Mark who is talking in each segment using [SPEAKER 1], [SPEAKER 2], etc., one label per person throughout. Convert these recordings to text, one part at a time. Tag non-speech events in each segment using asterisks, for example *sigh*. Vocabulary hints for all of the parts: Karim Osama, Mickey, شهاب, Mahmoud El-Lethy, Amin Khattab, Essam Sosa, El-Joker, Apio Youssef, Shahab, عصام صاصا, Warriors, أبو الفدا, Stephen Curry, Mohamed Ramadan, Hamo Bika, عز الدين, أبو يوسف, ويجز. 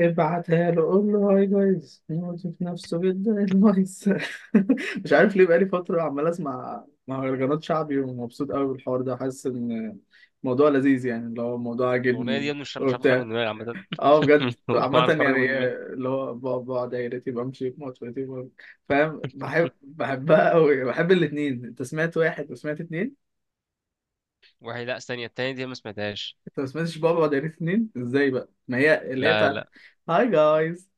[SPEAKER 1] ابعتها له، قول له هاي جايز يموت في نفسه جدا النايس. *laughs* مش عارف ليه بقالي فترة عمال اسمع مهرجانات شعبي ومبسوط قوي بالحوار ده، حاسس ان الموضوع لذيذ، يعني اللي هو الموضوع
[SPEAKER 2] الاغنيه دي يا
[SPEAKER 1] عاجبني
[SPEAKER 2] ابني مش عارف اخرج
[SPEAKER 1] وبتاع.
[SPEAKER 2] من دماغي عامه
[SPEAKER 1] اه بجد،
[SPEAKER 2] *laughs* والله ما
[SPEAKER 1] عامة
[SPEAKER 2] عارف اخرج
[SPEAKER 1] يعني
[SPEAKER 2] من دماغي.
[SPEAKER 1] اللي هو بقعد دايرتي، بمشي بموتوتي، فاهم، بحب، بحبها قوي، بحب الاتنين. انت سمعت واحد وسمعت اتنين؟
[SPEAKER 2] وحي لا استني، التانية دي ما سمعتهاش.
[SPEAKER 1] انت ما سمعتش بابا ودايرتي اتنين؟ ازاي بقى؟ ما هي اللي هي
[SPEAKER 2] لا
[SPEAKER 1] بتاعت
[SPEAKER 2] لا
[SPEAKER 1] هاي جايز.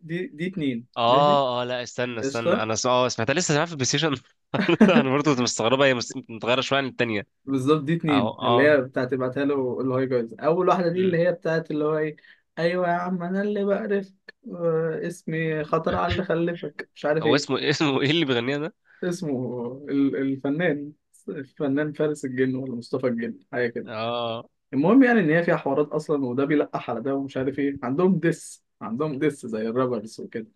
[SPEAKER 1] دي اتنين، ماشي.
[SPEAKER 2] اه. لا، استنى استنى،
[SPEAKER 1] قشطة.
[SPEAKER 2] انا س... اه سمعتها، لسه سمعتها في البلاي ستيشن. *laughs* انا
[SPEAKER 1] *laughs*
[SPEAKER 2] برضه كنت مستغربها، هي متغيره شويه عن التانية.
[SPEAKER 1] بالظبط، دي
[SPEAKER 2] اهو
[SPEAKER 1] اتنين اللي هي
[SPEAKER 2] اه.
[SPEAKER 1] بتاعت ابعتها له، اللي هو يجوز أول واحدة دي اللي
[SPEAKER 2] مم.
[SPEAKER 1] هي بتاعت اللي هو إيه. أيوة يا عم، أنا اللي بقرفك. اسمي خطر على اللي خلفك، مش عارف
[SPEAKER 2] هو
[SPEAKER 1] إيه.
[SPEAKER 2] اسمه ايه اللي بيغنيها ده؟
[SPEAKER 1] اسمه الفنان، الفنان فارس الجن ولا مصطفى الجن، حاجة كده.
[SPEAKER 2] اه،
[SPEAKER 1] المهم يعني إن هي فيها حوارات أصلا، وده بيلقح على ده ومش عارف إيه، عندهم دس زي الرابرز وكده.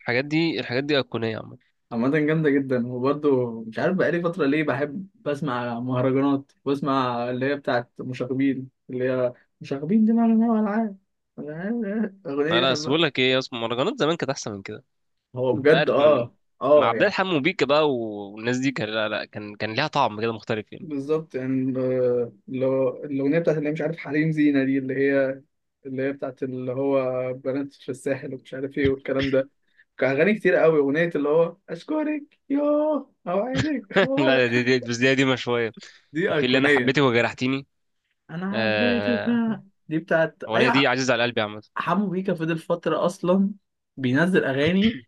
[SPEAKER 2] الحاجات دي، الحاجات دي ايقونيه عامه.
[SPEAKER 1] عامة جامدة جدا. وبرضه مش عارف بقالي فترة ليه بحب بسمع مهرجانات، بسمع اللي هي بتاعت مشاغبين، اللي هي مشاغبين دي، معنى إنها ألعاب. *laughs* الأغنية دي
[SPEAKER 2] انا بس
[SPEAKER 1] بحبها.
[SPEAKER 2] بقول لك ايه اسمه، مهرجانات زمان كانت احسن من كده.
[SPEAKER 1] هو
[SPEAKER 2] انت
[SPEAKER 1] بجد
[SPEAKER 2] عارف، من
[SPEAKER 1] اه.
[SPEAKER 2] مع
[SPEAKER 1] اه
[SPEAKER 2] عبد
[SPEAKER 1] يعني.
[SPEAKER 2] الحليم وبيكا بقى والناس دي، كان لا كان، كان ليها طعم كده مختلف يعني.
[SPEAKER 1] بالظبط يعني، اللي هو الأغنية بتاعت اللي هي مش عارف حريم زينة دي، اللي هي اللي هي بتاعت اللي هو بنات في الساحل ومش عارف ايه والكلام ده. كان أغاني كتير قوي، أغنية اللي هو أشكرك يوه أوعدك
[SPEAKER 2] *laughs*
[SPEAKER 1] ولا.
[SPEAKER 2] لا دي بس، دي قديمة شوية.
[SPEAKER 1] دي
[SPEAKER 2] في اللي أنا
[SPEAKER 1] أيقونية.
[SPEAKER 2] حبيتك وجرحتيني.
[SPEAKER 1] انا حبيتك
[SPEAKER 2] آه،
[SPEAKER 1] بقى. دي بتاعت
[SPEAKER 2] الأغنية دي
[SPEAKER 1] ايوه.
[SPEAKER 2] عزيزة على قلبي عامة.
[SPEAKER 1] حمو بيكا فضل فتره اصلا بينزل اغاني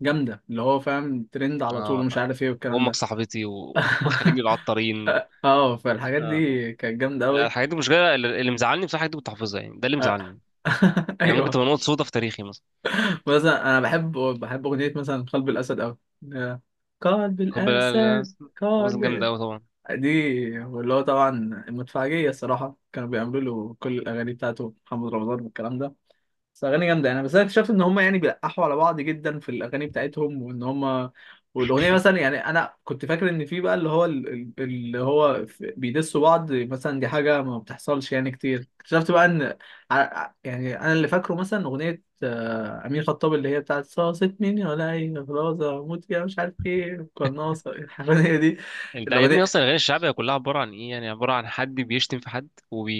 [SPEAKER 1] جامده، اللي هو فاهم ترند على
[SPEAKER 2] اه
[SPEAKER 1] طول ومش
[SPEAKER 2] والله،
[SPEAKER 1] عارف ايه والكلام
[SPEAKER 2] وأمك
[SPEAKER 1] ده.
[SPEAKER 2] صاحبتي *laughs* وخليج العطارين.
[SPEAKER 1] *laughs* اه، فالحاجات
[SPEAKER 2] آه.
[SPEAKER 1] دي كانت جامده
[SPEAKER 2] لا،
[SPEAKER 1] قوي.
[SPEAKER 2] الحاجات دي مش جاية، اللي مزعلني بصراحة، الحاجات دي كنت حافظها يعني، ده اللي مزعلني.
[SPEAKER 1] *laughs*
[SPEAKER 2] يعني ممكن
[SPEAKER 1] ايوه.
[SPEAKER 2] تبقى نقطة سودا في تاريخي مثلا.
[SPEAKER 1] مثلا انا بحب اغنيه مثلا قلب الاسد قوي. قلب
[SPEAKER 2] كوبا لا لا
[SPEAKER 1] الاسد.
[SPEAKER 2] لا، بس جامدة
[SPEAKER 1] قلب
[SPEAKER 2] أوي طبعا.
[SPEAKER 1] دي، اللي هو طبعا المدفعجيه الصراحه كانوا بيعملوا له كل الاغاني بتاعته، محمد رمضان والكلام ده. بس اغاني جامده. انا بس انا اكتشفت ان هم يعني بيلقحوا على بعض جدا في الاغاني بتاعتهم، وان هم والاغنيه مثلا، يعني انا كنت فاكر ان في بقى اللي هو اللي هو بيدسوا بعض، مثلا دي حاجه ما بتحصلش يعني كتير. اكتشفت بقى ان يعني انا اللي فاكره مثلا اغنيه، امين خطاب اللي هي بتاعت صاصت مين ولا اي خلاص اموت يا مش عارف ايه قناصه، الأغنية دي.
[SPEAKER 2] أنت يا ابني أصلا
[SPEAKER 1] الاغنيه.
[SPEAKER 2] الأغاني الشعبية كلها عبارة عن إيه؟ يعني عبارة عن حد بيشتم في حد،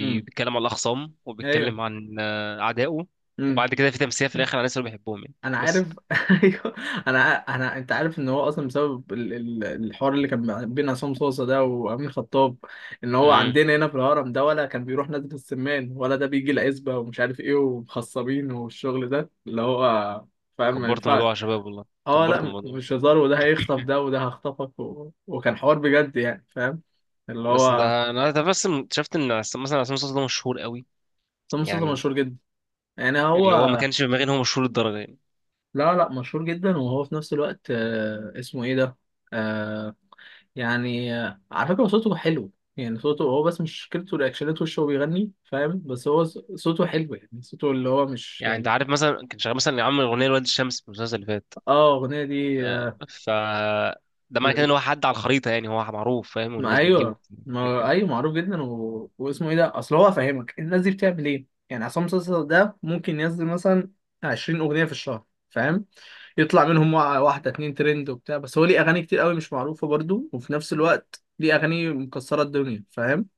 [SPEAKER 1] امم
[SPEAKER 2] على الأخصام،
[SPEAKER 1] ايوه.
[SPEAKER 2] وبيتكلم عن آه، أعدائه،
[SPEAKER 1] امم
[SPEAKER 2] وبعد كده في تمثيل في الآخر على الناس اللي بيحبهم يعني.
[SPEAKER 1] انا عارف. *laughs* ايوه. انا انا، انت عارف ان هو اصلا بسبب الحوار اللي كان بين عصام صوصه ده وامين خطاب، ان هو
[SPEAKER 2] بس
[SPEAKER 1] عندنا هنا في الهرم ده، ولا كان بيروح نادي السمان، ولا ده بيجي العزبه ومش عارف ايه ومخصبين والشغل ده اللي هو فاهم، ما
[SPEAKER 2] كبرت
[SPEAKER 1] ينفعش.
[SPEAKER 2] الموضوع يا شباب والله،
[SPEAKER 1] اه، لا،
[SPEAKER 2] كبرت الموضوع.
[SPEAKER 1] مش هزار، وده هيخطف ده، وده هخطفك و... وكان حوار بجد يعني، فاهم؟ اللي
[SPEAKER 2] بس انت،
[SPEAKER 1] هو
[SPEAKER 2] أنا بس شفت ان مثلا عصام صاصا ده مشهور قوي
[SPEAKER 1] عصام صوصه
[SPEAKER 2] يعني،
[SPEAKER 1] مشهور جدا. يعني
[SPEAKER 2] اللي هو ما
[SPEAKER 1] هو،
[SPEAKER 2] كانش في دماغي ان هو مشهور للدرجه يعني.
[SPEAKER 1] لا لا، مشهور جدا. وهو في نفس الوقت، اسمه ايه ده. آه، يعني على فكرة هو صوته حلو، يعني صوته هو، بس مش مشكلته رياكشنات وشه وهو بيغني، فاهم؟ بس هو صوته حلو، يعني صوته اللي هو مش
[SPEAKER 2] يعني انت
[SPEAKER 1] يعني.
[SPEAKER 2] عارف مثلا كان شغال مثلا عامل اغنيه لواد الشمس في المسلسل اللي فات.
[SPEAKER 1] اه، الأغنية دي
[SPEAKER 2] آه، ف ده معنى كده ان
[SPEAKER 1] لذ-
[SPEAKER 2] هو حد على الخريطه، يعني هو معروف فاهم،
[SPEAKER 1] ما
[SPEAKER 2] والناس بتجيبه
[SPEAKER 1] أيوه. ما
[SPEAKER 2] كده.
[SPEAKER 1] أيوه، معروف جدا و... واسمه إيه ده، أصل هو فاهمك الناس دي بتعمل إيه يعني. عصام صاصا ده ممكن ينزل مثلا 20 أغنية في الشهر، فاهم؟ يطلع منهم واحدة اتنين ترند وبتاع، بس هو ليه أغاني كتير قوي مش معروفة برضو، وفي نفس الوقت ليه أغاني مكسرة الدنيا، فاهم؟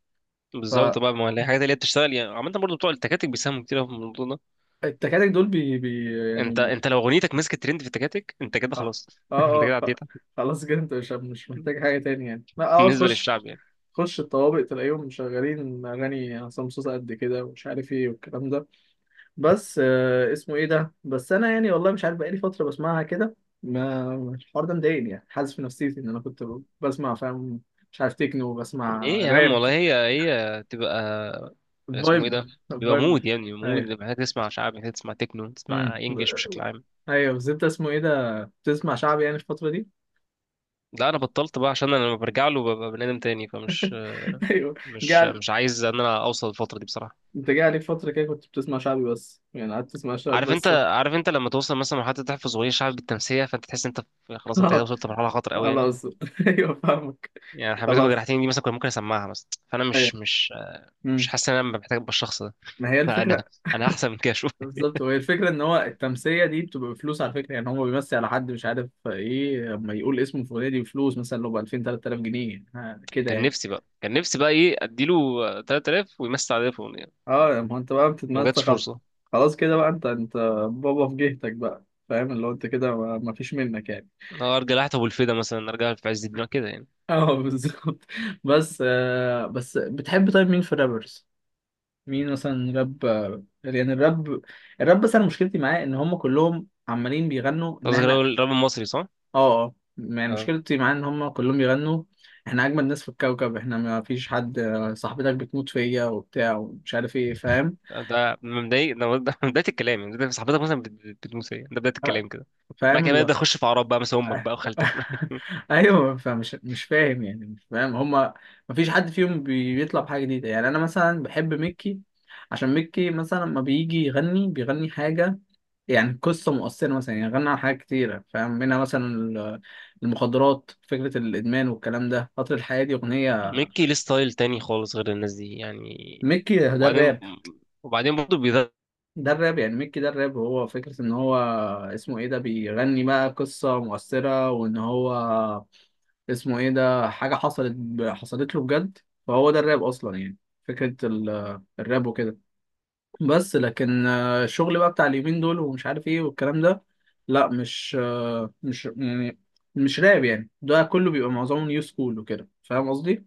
[SPEAKER 1] ف
[SPEAKER 2] بالظبط بقى، ما هي الحاجات اللي هي بتشتغل يعني، عامه برضه بتوع التكاتك بيساهموا كتير أوي في الموضوع ده.
[SPEAKER 1] التكاتك دول بي،
[SPEAKER 2] انت
[SPEAKER 1] يعني.
[SPEAKER 2] انت لو اغنيتك مسكت ترند في التكاتك، انت كده
[SPEAKER 1] اه.
[SPEAKER 2] خلاص.
[SPEAKER 1] اه،
[SPEAKER 2] *laughs* انت كده عديتها،
[SPEAKER 1] خلاص كده انت مش، مش محتاج حاجة تاني يعني. لا اه،
[SPEAKER 2] بالنسبه
[SPEAKER 1] تخش،
[SPEAKER 2] للشعب يعني.
[SPEAKER 1] تخش الطوابق تلاقيهم شغالين أغاني عصام صوصة قد كده ومش عارف ايه والكلام ده. بس آه اسمه ايه ده، بس أنا يعني والله مش عارف بقالي فترة بسمعها كده. ما الحوار ده مضايقني يعني، حاسس في نفسيتي إن أنا كنت بسمع، فاهم؟ مش عارف تكنو، بسمع
[SPEAKER 2] ايه يا عم
[SPEAKER 1] راب.
[SPEAKER 2] والله، هي هي تبقى اسمه ايه
[SPEAKER 1] فايب.
[SPEAKER 2] ده، بيبقى
[SPEAKER 1] فايب.
[SPEAKER 2] مود يعني، مود.
[SPEAKER 1] أيوه.
[SPEAKER 2] محتاج تسمع شعبي، محتاج تسمع تكنو، تسمع
[SPEAKER 1] مم.
[SPEAKER 2] انجليش بشكل عام.
[SPEAKER 1] أيوه، بس أنت اسمه ايه ده بتسمع شعبي يعني الفترة دي؟
[SPEAKER 2] لا، انا بطلت بقى عشان انا لما برجع له ببقى بني ادم تاني، فمش
[SPEAKER 1] *laughs* *laughs* ايوه.
[SPEAKER 2] مش
[SPEAKER 1] جال،
[SPEAKER 2] مش عايز ان انا اوصل الفتره دي بصراحه.
[SPEAKER 1] انت جه عليك فتره كده كنت بتسمع شعبي بس يعني، قعدت تسمع شعبي
[SPEAKER 2] عارف، انت
[SPEAKER 1] بس ولا؟
[SPEAKER 2] عارف انت لما توصل مثلا مرحله تحفظ اغنيه شعبي بالتمسيه، فانت تحس انت خلاص انت كده
[SPEAKER 1] *laughs*
[SPEAKER 2] وصلت لمرحله خطر قوي يعني.
[SPEAKER 1] خلاص. ايوه فاهمك.
[SPEAKER 2] يعني حبيتك
[SPEAKER 1] خلاص.
[SPEAKER 2] وجرحتني دي مثلا كنت ممكن اسمعها مثلا، فانا
[SPEAKER 1] ايوه.
[SPEAKER 2] مش مش
[SPEAKER 1] امم
[SPEAKER 2] حاسس ان انا محتاج ابقى الشخص ده.
[SPEAKER 1] ما هي
[SPEAKER 2] *laughs*
[SPEAKER 1] الفكره.
[SPEAKER 2] انا انا احسن من كده.
[SPEAKER 1] بالظبط، وهي الفكره ان هو التمثيله دي بتبقى بفلوس على فكره، يعني هو بيمثل على حد مش عارف ايه لما يقول اسمه الفلاني، دي بفلوس مثلا، لو ب 2000 3000 جنيه ها، كده
[SPEAKER 2] كان
[SPEAKER 1] يعني.
[SPEAKER 2] نفسي بقى، كان نفسي بقى ايه، اديله 3000 ويمسي على تليفون يعني.
[SPEAKER 1] اه ما هو انت بقى
[SPEAKER 2] ما
[SPEAKER 1] بتتمثل،
[SPEAKER 2] جاتش
[SPEAKER 1] خلاص.
[SPEAKER 2] فرصه.
[SPEAKER 1] خلاص كده بقى، انت انت بابا في جهتك بقى، فاهم؟ اللي هو انت كده، ما ما فيش منك يعني.
[SPEAKER 2] أه ارجع لحتى ابو الفدا مثلا، ارجع في عز الدين كده يعني.
[SPEAKER 1] *laughs* اه بالظبط. بس آه، بس بتحب طيب مين في الرابرز؟ مين مثلا راب؟ يعني الراب، الراب بس انا مشكلتي معاه ان هم كلهم عمالين بيغنوا ان
[SPEAKER 2] قصدك
[SPEAKER 1] احنا.
[SPEAKER 2] الراجل، الراجل المصري، صح؟
[SPEAKER 1] اه. اه يعني،
[SPEAKER 2] اه.
[SPEAKER 1] مشكلتي معاه ان هم كلهم بيغنوا احنا اجمد ناس في الكوكب، احنا ما فيش حد، صاحبتك بتموت فيا وبتاع ومش عارف ايه، فاهم؟
[SPEAKER 2] ده من بداية، ده من بداية الكلام يعني، ده صاحبتك مثلا بتموت هي، ده بداية
[SPEAKER 1] آه،
[SPEAKER 2] الكلام كده. بعد كده
[SPEAKER 1] فاهم.
[SPEAKER 2] بدأت أخش في أعراض بقى، مثلا أمك بقى وخالتك. *laughs*
[SPEAKER 1] *laughs* ايوه، فمش، مش فاهم يعني، مش فاهم هما. مفيش حد فيهم بيطلع بحاجه جديده، يعني انا مثلا بحب ميكي، عشان ميكي مثلا لما بيجي يغني بيغني حاجه يعني قصه مؤثره مثلا. يعني غنى عن حاجات كتيره، فاهم؟ منها مثلا المخدرات، فكره الادمان والكلام ده، قطر الحياه دي اغنيه.
[SPEAKER 2] ميكي ليه ستايل تاني خالص غير الناس دي يعني.
[SPEAKER 1] ميكي ده
[SPEAKER 2] وبعدين،
[SPEAKER 1] الراب،
[SPEAKER 2] وبعدين برضه،
[SPEAKER 1] ده الراب يعني. ميكي ده الراب، هو فكره ان هو اسمه ايه ده بيغني بقى قصه مؤثره، وان هو اسمه ايه ده حاجة حصلت حصلت له بجد. فهو ده الراب اصلا يعني، فكرة الراب وكده. بس لكن الشغل بقى بتاع اليومين دول ومش عارف ايه والكلام ده، لا مش، مش يعني، مش راب يعني، ده كله بيبقى معظمه نيو سكول وكده، فاهم قصدي؟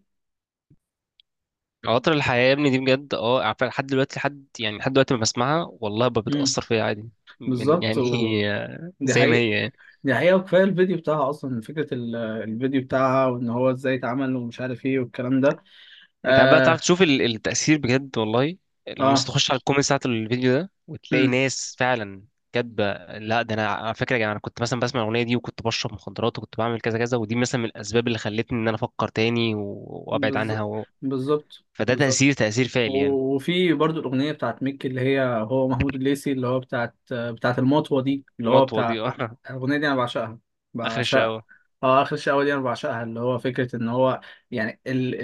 [SPEAKER 2] قطر الحياة يا ابني دي بجد، اه عارفة، لحد دلوقتي، لحد يعني لحد دلوقتي ما بسمعها والله
[SPEAKER 1] امم
[SPEAKER 2] بتأثر فيا عادي. من
[SPEAKER 1] بالظبط
[SPEAKER 2] يعني،
[SPEAKER 1] و...
[SPEAKER 2] *laughs*
[SPEAKER 1] دي
[SPEAKER 2] زي ما
[SPEAKER 1] حقيقة.
[SPEAKER 2] هي يعني.
[SPEAKER 1] دي حقيقة، وكفاية الفيديو بتاعها أصلا، فكرة الفيديو بتاعها وإن هو إزاي اتعمل ومش عارف إيه والكلام ده.
[SPEAKER 2] انت عارف بقى، تعرف
[SPEAKER 1] آه.
[SPEAKER 2] تشوف التأثير بجد والله. لما بس
[SPEAKER 1] آه.
[SPEAKER 2] تخش على الكومنت بتاعت الفيديو ده وتلاقي
[SPEAKER 1] امم
[SPEAKER 2] ناس فعلا كاتبة، لا ده انا على فكرة يا جماعة، انا كنت مثلا بسمع الأغنية دي وكنت بشرب مخدرات وكنت بعمل كذا كذا، ودي مثلا من الأسباب اللي خلتني ان انا افكر تاني وابعد عنها
[SPEAKER 1] بالظبط
[SPEAKER 2] و...
[SPEAKER 1] بالظبط
[SPEAKER 2] فده
[SPEAKER 1] بالظبط.
[SPEAKER 2] تأثير، تأثير فعلي يعني.
[SPEAKER 1] وفي برضو الأغنية بتاعت ميكي اللي هي هو محمود الليثي، اللي هو بتاعت المطوة دي، اللي هو
[SPEAKER 2] نطوة دي. *laughs*
[SPEAKER 1] بتاع
[SPEAKER 2] آه،
[SPEAKER 1] الأغنية دي، أنا بعشقها،
[SPEAKER 2] آخر
[SPEAKER 1] بعشقها.
[SPEAKER 2] الشقاوة.
[SPEAKER 1] اه، آخر شقاوة دي أنا بعشقها، اللي هو فكرة إن هو، يعني ال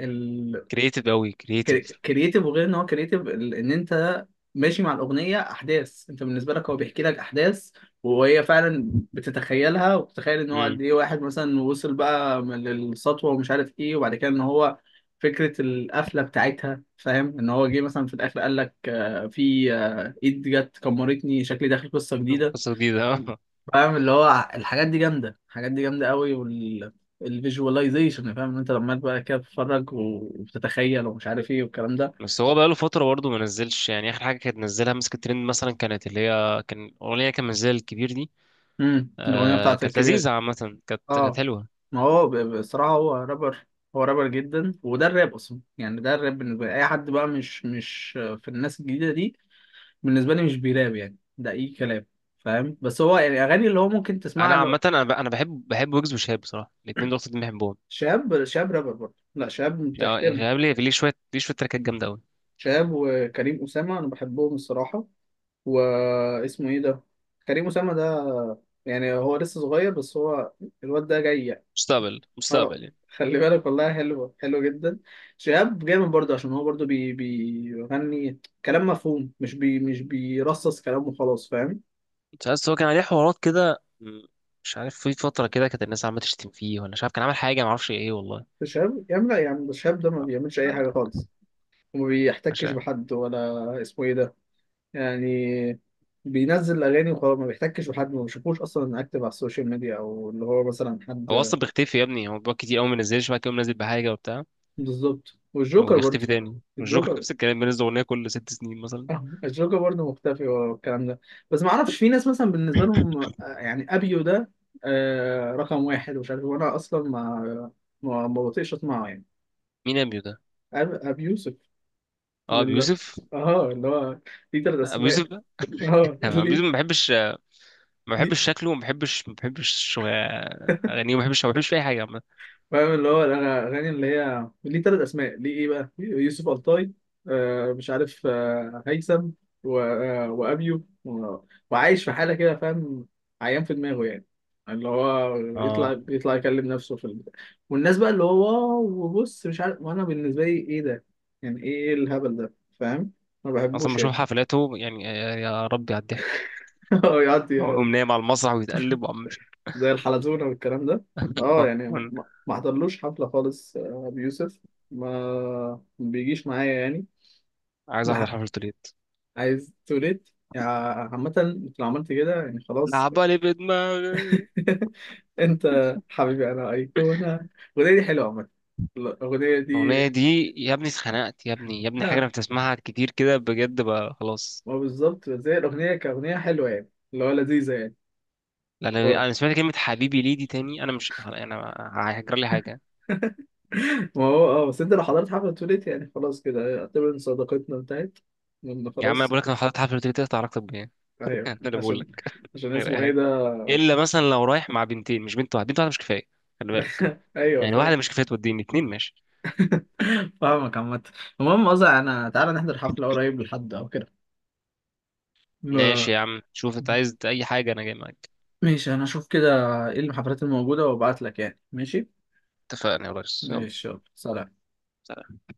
[SPEAKER 1] ال
[SPEAKER 2] كرييتيف قوي، كرييتيف.
[SPEAKER 1] كرييتيف، وغير ان هو كرييتيف، ان انت ماشي مع الاغنيه احداث، انت بالنسبه لك هو بيحكي لك احداث وهي فعلا بتتخيلها، وبتتخيل ان هو
[SPEAKER 2] امم.
[SPEAKER 1] قد ايه واحد مثلا وصل بقى للسطوه ومش عارف ايه. وبعد كده ان هو فكره القفله بتاعتها، فاهم؟ ان هو جه مثلا في الاخر قال لك، في ايد جت كمرتني، شكلي داخل قصه جديده.
[SPEAKER 2] قصة جديدة. *laughs*
[SPEAKER 1] فاهم؟ اللي هو الحاجات دي جامده، الحاجات دي جامده قوي. وال الفيجواليزيشن، فاهم ان انت لما بقى كده بتتفرج وبتتخيل ومش عارف ايه والكلام ده.
[SPEAKER 2] بس هو بقاله فترة برضه ما نزلش يعني، آخر حاجة كانت نزلها مسكت ترند مثلا، كانت اللي هي كان أغنية كان منزلها الكبير دي.
[SPEAKER 1] الاغنيه
[SPEAKER 2] آه
[SPEAKER 1] بتاعت
[SPEAKER 2] كانت
[SPEAKER 1] الكبير.
[SPEAKER 2] لذيذة عامة، كانت كانت
[SPEAKER 1] اه،
[SPEAKER 2] حلوة.
[SPEAKER 1] ما هو بصراحه هو رابر. هو رابر جدا، وده الراب اصلا يعني، ده الراب بالنسبه لي. اي حد بقى مش، مش في الناس الجديده دي بالنسبه لي مش بيراب يعني، ده اي كلام، فاهم؟ بس هو يعني اغاني اللي هو ممكن تسمعها
[SPEAKER 2] أنا
[SPEAKER 1] اللي
[SPEAKER 2] عامة
[SPEAKER 1] هو.
[SPEAKER 2] أنا بحب، بحب ويجز وشهاب بصراحة، الاتنين دول أكتر اتنين بحبهم
[SPEAKER 1] شاب، شاب رابر برضه، لا شاب
[SPEAKER 2] يعني.
[SPEAKER 1] تحترم.
[SPEAKER 2] شهاب ليه، ليه شوية، ليه شوية تراكات جامدة أوي.
[SPEAKER 1] شاب وكريم اسامه، انا بحبهم الصراحه. واسمه ايه ده كريم اسامه ده، يعني هو لسه صغير، بس هو الواد ده جاي.
[SPEAKER 2] مستقبل،
[SPEAKER 1] اه،
[SPEAKER 2] مستقبل يعني.
[SPEAKER 1] خلي بالك، والله حلوة، حلوة جدا. شهاب جامد برضه، عشان هو برضه بيغني كلام مفهوم، مش مش بيرصص كلام وخلاص، فاهم؟
[SPEAKER 2] مش عارف هو كان عليه حوارات كده، م، مش عارف في فترة كده كانت الناس عمالة تشتم فيه، ولا مش عارف كان عامل حاجة، معرفش إيه والله.
[SPEAKER 1] شهاب يا عم، لا يا عم، الشهاب ده ما بيعملش أي حاجة خالص، وما
[SPEAKER 2] مش
[SPEAKER 1] بيحتكش
[SPEAKER 2] عارف.
[SPEAKER 1] بحد ولا اسمه ايه ده يعني، بينزل أغاني وخلاص، ما بيحتكش بحد، ما بشوفوش أصلا أكتف على السوشيال ميديا أو اللي هو مثلا
[SPEAKER 2] هو
[SPEAKER 1] حد.
[SPEAKER 2] أصلا بيختفي يا ابني، هو بيقعد كتير أوي منزلش، بعد كده منزل بحاجة وبتاع
[SPEAKER 1] بالظبط، والجوكر برضه.
[SPEAKER 2] ويختفي تاني. والجوكر
[SPEAKER 1] الجوكر،
[SPEAKER 2] نفس الكلام، بينزل اغنيه كل ست سنين مثلا.
[SPEAKER 1] الجوكر برضه مختفي والكلام ده، بس ما اعرفش. في ناس مثلا بالنسبه لهم يعني ابيو ده رقم واحد ومش عارف إيه، وانا اصلا ما، ما، ما بطيقش اسمعه يعني.
[SPEAKER 2] مين ابيو ده؟
[SPEAKER 1] ابي يوسف.
[SPEAKER 2] اه
[SPEAKER 1] من
[SPEAKER 2] ابو
[SPEAKER 1] ال-
[SPEAKER 2] يوسف.
[SPEAKER 1] اه اللي هو ليه ثلاث
[SPEAKER 2] ابو
[SPEAKER 1] اسماء.
[SPEAKER 2] يوسف ده. *laughs*
[SPEAKER 1] اه
[SPEAKER 2] أنا ابو يوسف
[SPEAKER 1] ليه.
[SPEAKER 2] ما بحبش، ما بحبش شكله، ما بحبش، اغانيه، ما بحبش، ما بحبش في اي حاجه عامة.
[SPEAKER 1] فاهم؟ اللي هو الأغاني اللي هي ليه تلات أسماء، ليه إيه بقى؟ يوسف ألطاي، آه مش عارف، آه هيثم و... آه وأبيو و... وعايش في حالة كده، فاهم؟ عيان في دماغه يعني، اللي هو
[SPEAKER 2] اه
[SPEAKER 1] يطلع، يطلع يكلم نفسه في البتاع، والناس بقى اللي هو واو وبص مش عارف. وأنا بالنسبة لي إيه ده؟ يعني إيه الهبل ده؟ فاهم؟ ما
[SPEAKER 2] اصلا ما
[SPEAKER 1] بحبوش يعني.
[SPEAKER 2] بشوف حفلاته يعني، يا يا ربي على الضحك،
[SPEAKER 1] *laughs* يقعد
[SPEAKER 2] هو يقوم نايم على المسرح ويتقلب وعم مش.
[SPEAKER 1] زي الحلزونة والكلام ده. اه يعني، ما
[SPEAKER 2] *laughs*
[SPEAKER 1] ما حضرلوش حفلة خالص، أبي يوسف ما، ما بيجيش معايا يعني.
[SPEAKER 2] عايز احضر
[SPEAKER 1] لا،
[SPEAKER 2] حفلته ليت،
[SPEAKER 1] عايز توليت يعني؟ عامة انت لو عملت كده يعني خلاص.
[SPEAKER 2] لعبة لي بدماغي.
[SPEAKER 1] *laughs* انت حبيبي انا ايقونة، الأغنية دي حلوة عامة، الأغنية دي.
[SPEAKER 2] الأغنية دي يا ابني اتخنقت، يا ابني يا ابني حاجة أنا
[SPEAKER 1] *laughs*
[SPEAKER 2] بتسمعها كتير كده بجد، بقى خلاص
[SPEAKER 1] ما بالظبط، زي الأغنية كأغنية حلوة يعني، اللي هو لذيذة يعني.
[SPEAKER 2] لان
[SPEAKER 1] اه.
[SPEAKER 2] انا سمعت كلمه حبيبي ليه دي تاني، انا مش، انا هيجرى لي حاجه.
[SPEAKER 1] ما هو اه، بس انت لو حضرت حفلة توليت يعني خلاص، كده اعتبر ان صداقتنا انتهت، لأن
[SPEAKER 2] يا عم انا
[SPEAKER 1] خلاص.
[SPEAKER 2] بقول لك، انا حضرت حفله قلت تقطع علاقتك بيا. *laughs*
[SPEAKER 1] ايوه
[SPEAKER 2] انا اللي بقول
[SPEAKER 1] عشان،
[SPEAKER 2] لك،
[SPEAKER 1] عشان
[SPEAKER 2] غير
[SPEAKER 1] اسمه
[SPEAKER 2] اي
[SPEAKER 1] ايه
[SPEAKER 2] حاجه،
[SPEAKER 1] ده.
[SPEAKER 2] الا مثلا لو رايح مع بنتين، مش بنت واحده، بنت واحده مش كفايه، خلي بالك،
[SPEAKER 1] ايوه
[SPEAKER 2] يعني واحده
[SPEAKER 1] فاهم.
[SPEAKER 2] مش كفايه، توديني اتنين ماشي.
[SPEAKER 1] فاهمك عامة. المهم قصدي انا، تعالى نحضر حفلة قريب لحد او كده.
[SPEAKER 2] ماشي
[SPEAKER 1] ما
[SPEAKER 2] يا عم، شوف انت عايز اي حاجه انا جاي معاك.
[SPEAKER 1] ماشي، انا اشوف كده ايه الحفلات الموجودة وابعت لك، يعني ماشي.
[SPEAKER 2] اتفقنا يا ريس، يلا
[SPEAKER 1] ماشي، يلا سلام.
[SPEAKER 2] سلام.